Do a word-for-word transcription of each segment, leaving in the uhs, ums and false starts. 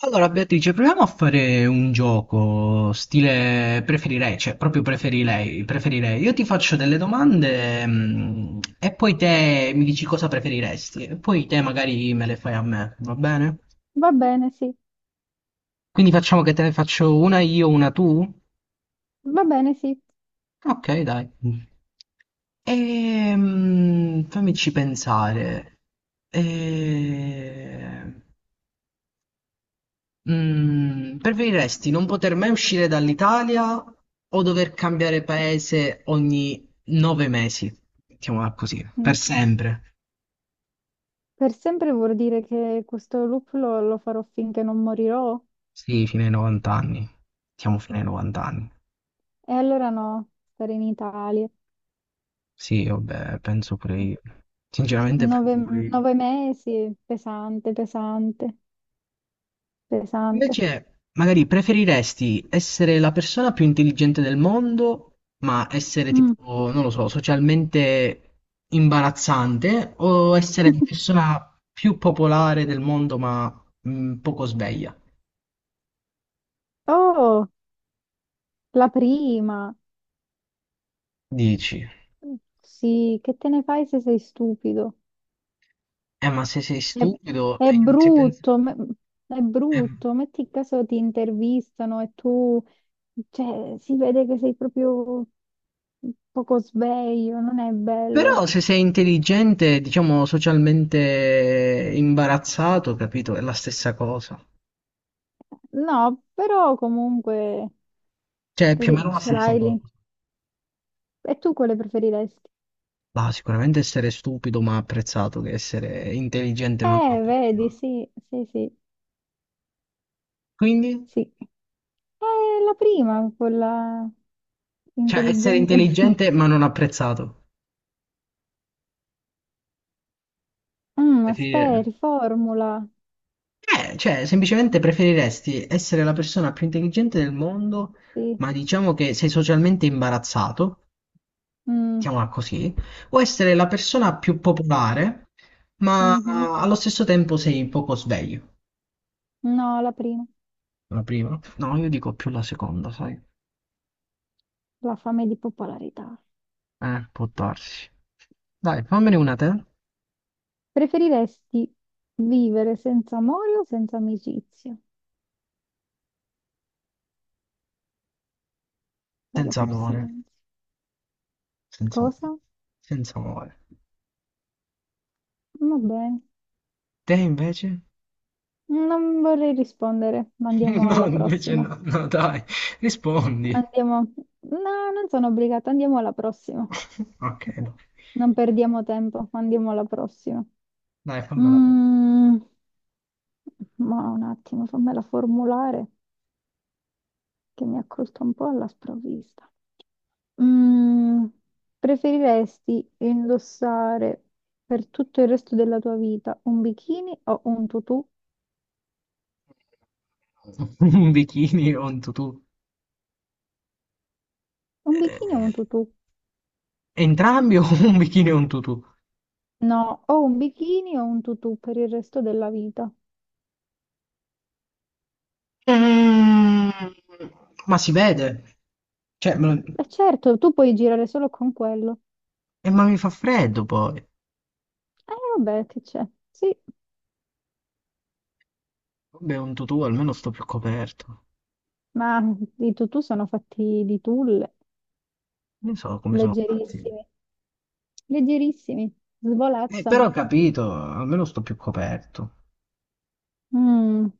Allora, Beatrice, proviamo a fare un gioco stile preferirei, cioè proprio preferirei, preferirei. Io ti faccio delle domande, mm, e poi te mi dici cosa preferiresti, e poi te magari me le fai a me, va bene? Va bene, sì, Quindi facciamo che te ne faccio una io, una tu? va bene, sì. Ok, dai. Ehm, fammici pensare. Ehm, Mm, preferiresti non poter mai uscire dall'Italia o dover cambiare paese ogni nove mesi? Mettiamola così, per Mm, sempre. Per sempre vuol dire che questo loop lo, lo farò finché non morirò? Sì, fino ai novanta anni. Siamo fino ai novanta anni. E allora no, stare in Italia. Sì, vabbè, penso pure io. Sinceramente penso Nove, pure io. nove mesi, pesante, pesante, pesante. Invece, magari preferiresti essere la persona più intelligente del mondo, ma essere Mm. tipo, non lo so, socialmente imbarazzante, o essere la persona più popolare del mondo, ma mh, poco sveglia? Oh, la prima. Dici, Sì, che te ne fai se sei stupido? eh, ma se sei È, stupido è e gli altri pensano. brutto, ma- è eh, brutto. Metti caso ti intervistano e tu, cioè, si vede che sei proprio poco sveglio, non è Però bello. se sei intelligente, diciamo socialmente imbarazzato, capito? È la stessa cosa. No, però comunque Cioè, è più o li- meno la ce stessa l'hai lì. cosa. E tu quale preferiresti? Bah, sicuramente essere stupido ma apprezzato che essere intelligente ma non Eh, vedi, apprezzato. sì, sì, sì, Quindi, sì. Eh, la prima, quella cioè, essere intelligente. intelligente ma non apprezzato. Mm, aspetta, Preferire- riformula. Eh, cioè, semplicemente preferiresti essere la persona più intelligente del mondo, Sì. ma diciamo che sei socialmente imbarazzato, Mm, mettiamola così, o essere la persona più popolare, ma mhm. allo stesso tempo sei poco sveglio. No, la prima, La prima? No, io dico più la seconda, sai? la fame di popolarità. Eh, può darsi. Dai, fammene una te. Preferiresti vivere senza amore o senza amicizia? Bello Senza tutto amore, silenzio. senza Cosa? senza amore. Va bene. Te invece? Non vorrei rispondere, ma andiamo No, alla invece prossima. no, no, dai, rispondi. Andiamo. No, non sono obbligata, andiamo alla prossima. Ok, no. Non perdiamo tempo, andiamo alla prossima. Dai, fammela te. Mm, ma un attimo, fammela formulare, che mi ha colto un po' alla sprovvista. Mm, preferiresti indossare per tutto il resto della tua vita un bikini o un tutù? Un bikini o un tutù? Un bikini o un Eh, tutù? Entrambi o un bikini e un tutù? No, o un bikini o un tutù per il resto della vita. Mm, ma si vede. Cioè, me lo- E certo, tu puoi girare solo con quello. eh, ma mi fa freddo poi. Eh, vabbè, che c'è? Sì, Vabbè, un tutù almeno sto più coperto. ma i tutù sono fatti di tulle, Non so come sono fatti. leggerissimi, leggerissimi, Eh, però ho svolazzano. capito, almeno sto più coperto. Mm,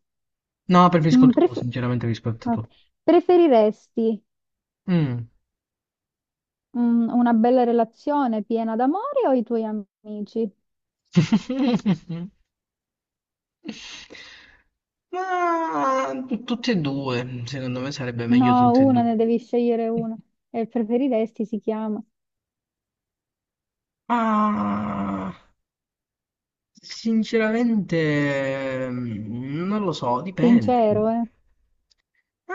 No, preferisco mm, il tuo, pref- sinceramente rispetto a ok. tu. Preferiresti Mm. Mm, una bella relazione piena d'amore o i tuoi amici? Ma tutte e due, secondo me sarebbe meglio No, tutte e una due. ne devi scegliere una. E preferiresti si chiama. Ma sinceramente mm, non lo so, dipende. Sincero, eh?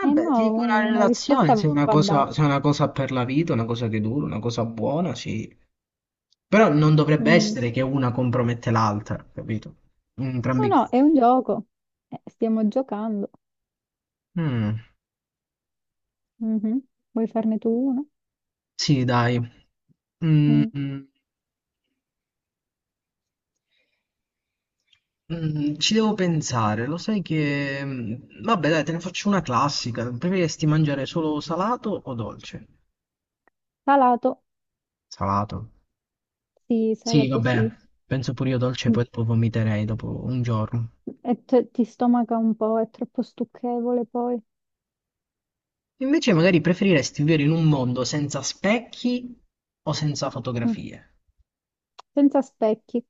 Eh no, ti dico la un- una relazione, risposta se è una va cosa, data. se è una cosa per la vita, una cosa che dura, una cosa buona, sì. Però non dovrebbe Mm. essere che una compromette l'altra, capito? In No, entrambi i no, casi. è un gioco. Eh, stiamo giocando. Mm. Mhm. Vuoi farne tu una? Sì, dai. Mm, Mm. mm, mm, ci devo pensare. Lo sai che... mm, Vabbè, dai, te ne faccio una classica. Preferiresti mangiare solo salato o dolce? Salato? Salato. Sì, Sì, salato sì. vabbè. Penso pure io dolce, poi Mm. dopo vomiterei dopo un giorno. E te- ti stomaca un po', è troppo stucchevole poi. Invece magari preferiresti vivere in un mondo senza specchi o senza Mm. fotografie. Senza specchi.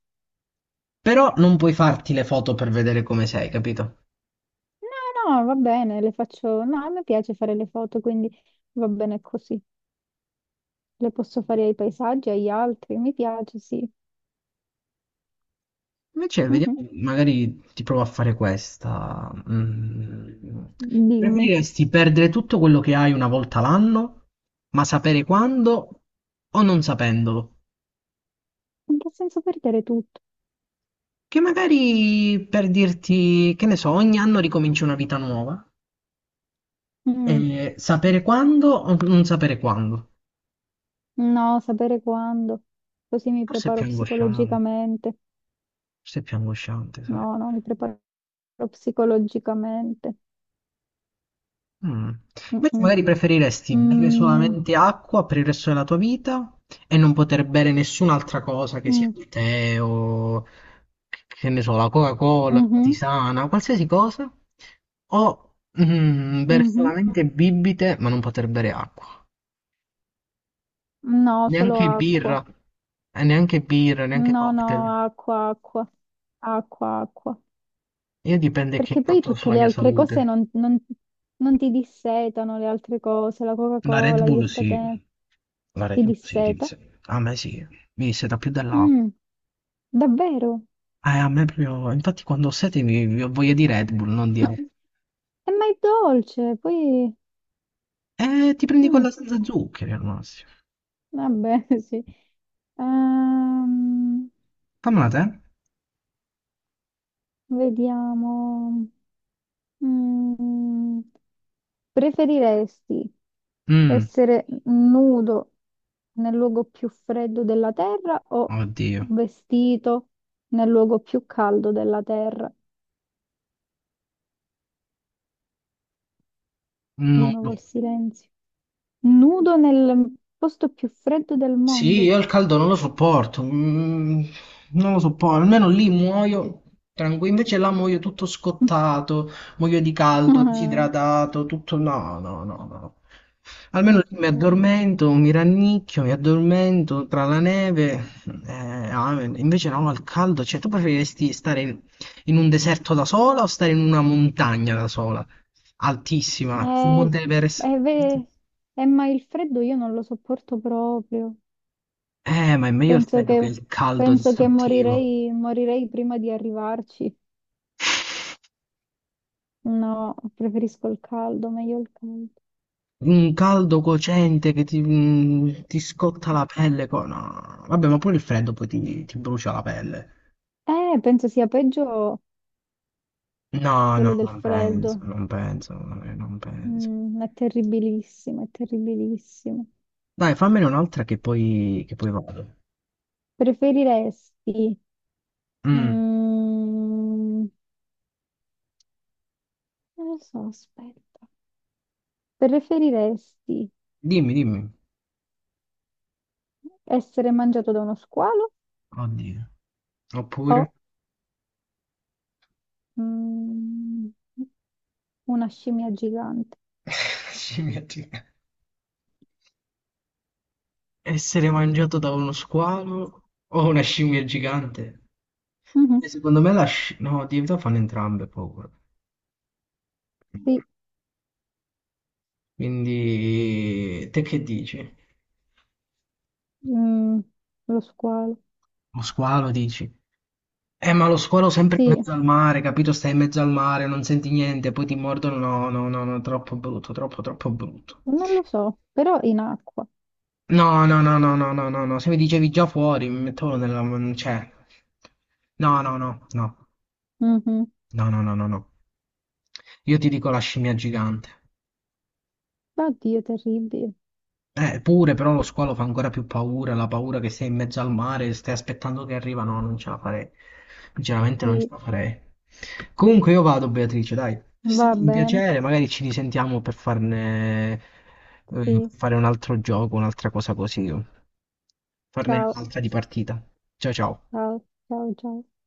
Però non puoi farti le foto per vedere come sei, capito? No, no, va bene, le faccio... No, a me piace fare le foto, quindi va bene così. Le posso fare ai paesaggi, agli altri, mi piace, sì. Invece, Mhm. vediamo, magari ti provo a fare questa. Mm. Dimmi, Preferiresti perdere tutto quello che hai una volta l'anno, ma sapere quando o non sapendolo? in che senso perdere tutto? Che magari per dirti, che ne so, ogni anno ricominci una vita nuova. Mm, E sapere quando o non sapere quando? No, sapere quando, così mi Forse è più preparo angosciante, psicologicamente. forse è più angosciante, sai? No, no, mi preparo psicologicamente. Mm. Invece Mm-mm. magari preferiresti bere Mm, solamente acqua per il resto della tua vita e non poter bere nessun'altra cosa che sia mm, il tè o che ne so, la Coca-Cola, la mhm, tisana, qualsiasi cosa, o mm, bere mhm. solamente bibite ma non poter bere acqua, No, solo neanche acqua. birra, eh, neanche birra, neanche No, no, cocktail. acqua, acqua, acqua, acqua. Io dipende che Perché poi impatto ha tutte sulla le mia altre cose salute. non, non- non ti dissetano, le altre cose, la La Red Coca-Cola, gli Bull sì, estate, la Red ti Bull sì, ti disseta. dice. A me sì, mi disse da più dell'acqua. Mm, davvero? Eh, a me proprio, infatti quando ho sete mi, mi ho voglia di Red Bull, non di altro. E ma è dolce, poi... Eh, ti prendi mm, quella senza zuccheri al massimo. vabbè, sì. Ehm, Fammela te. vediamo. Mm, preferiresti Mm, essere nudo nel luogo più freddo della terra o oddio. vestito nel luogo più caldo della terra? Di No. nuovo il silenzio. Nudo nel posto più freddo del Sì, mondo. io il caldo non lo sopporto, mm, non lo sopporto, almeno lì muoio tranquillo, invece là muoio tutto scottato, muoio di caldo, Ah, disidratato, tutto no, no, no, no. Almeno lì mi ok. addormento, mi rannicchio, mi addormento tra la neve, eh, amen. Invece no, al caldo, cioè tu preferiresti stare in, in un deserto da sola o stare in una montagna da sola, altissima, sul Eh, Monte Everest? eh, ve- eh, ma il freddo io non lo sopporto proprio. Eh, ma è meglio il Penso freddo che, che il caldo penso che distruttivo. morirei, morirei prima di arrivarci. No, preferisco il caldo, meglio il caldo. Un caldo cocente che ti, mm, ti scotta la pelle. co- No, vabbè, ma pure il freddo poi ti, ti brucia la pelle. Eh, penso sia peggio No, no, quello del non penso, freddo. non penso, eh, non penso. Mm, è terribilissimo, è terribilissimo. Dai, fammene un'altra che poi, che poi vado. Preferiresti, Mm, mm, non lo so, aspetta. Preferiresti dimmi, dimmi. essere mangiato da uno squalo Oddio. Oppure o, mm, una scimmia gigante? scimmia gigante. Essere mangiato da uno squalo o una scimmia gigante? E Mhm, secondo me la sci... No, di verità fanno entrambe paura. sì. Quindi, te che dici? Mm, lo squalo. Lo squalo dici? Eh, ma lo squalo sempre in Sì, mezzo al mare, capito? Stai in mezzo al mare, non senti niente, poi ti mordono. No, no, no, no, troppo brutto, troppo, troppo brutto. non lo so, però in acqua. No, no, no, no, no, no, no, no. Se mi dicevi già fuori, mi mettevo nella... Cioè, no, no, no, no, Mhm. no, no, no, no, no. No. Io ti dico la scimmia gigante. Oddio, terribile. Eh, pure, però lo squalo fa ancora più paura, la paura che sei in mezzo al mare, stai aspettando che arriva, no, non ce la farei. Sinceramente non ce Sì, la farei. Comunque io vado, Beatrice, dai, è va stato un bene. piacere, magari ci risentiamo per farne, eh, per Sì, fare un altro gioco, un'altra cosa così, farne ciao, un'altra di partita. Ciao ciao. ciao, ciao, ciao.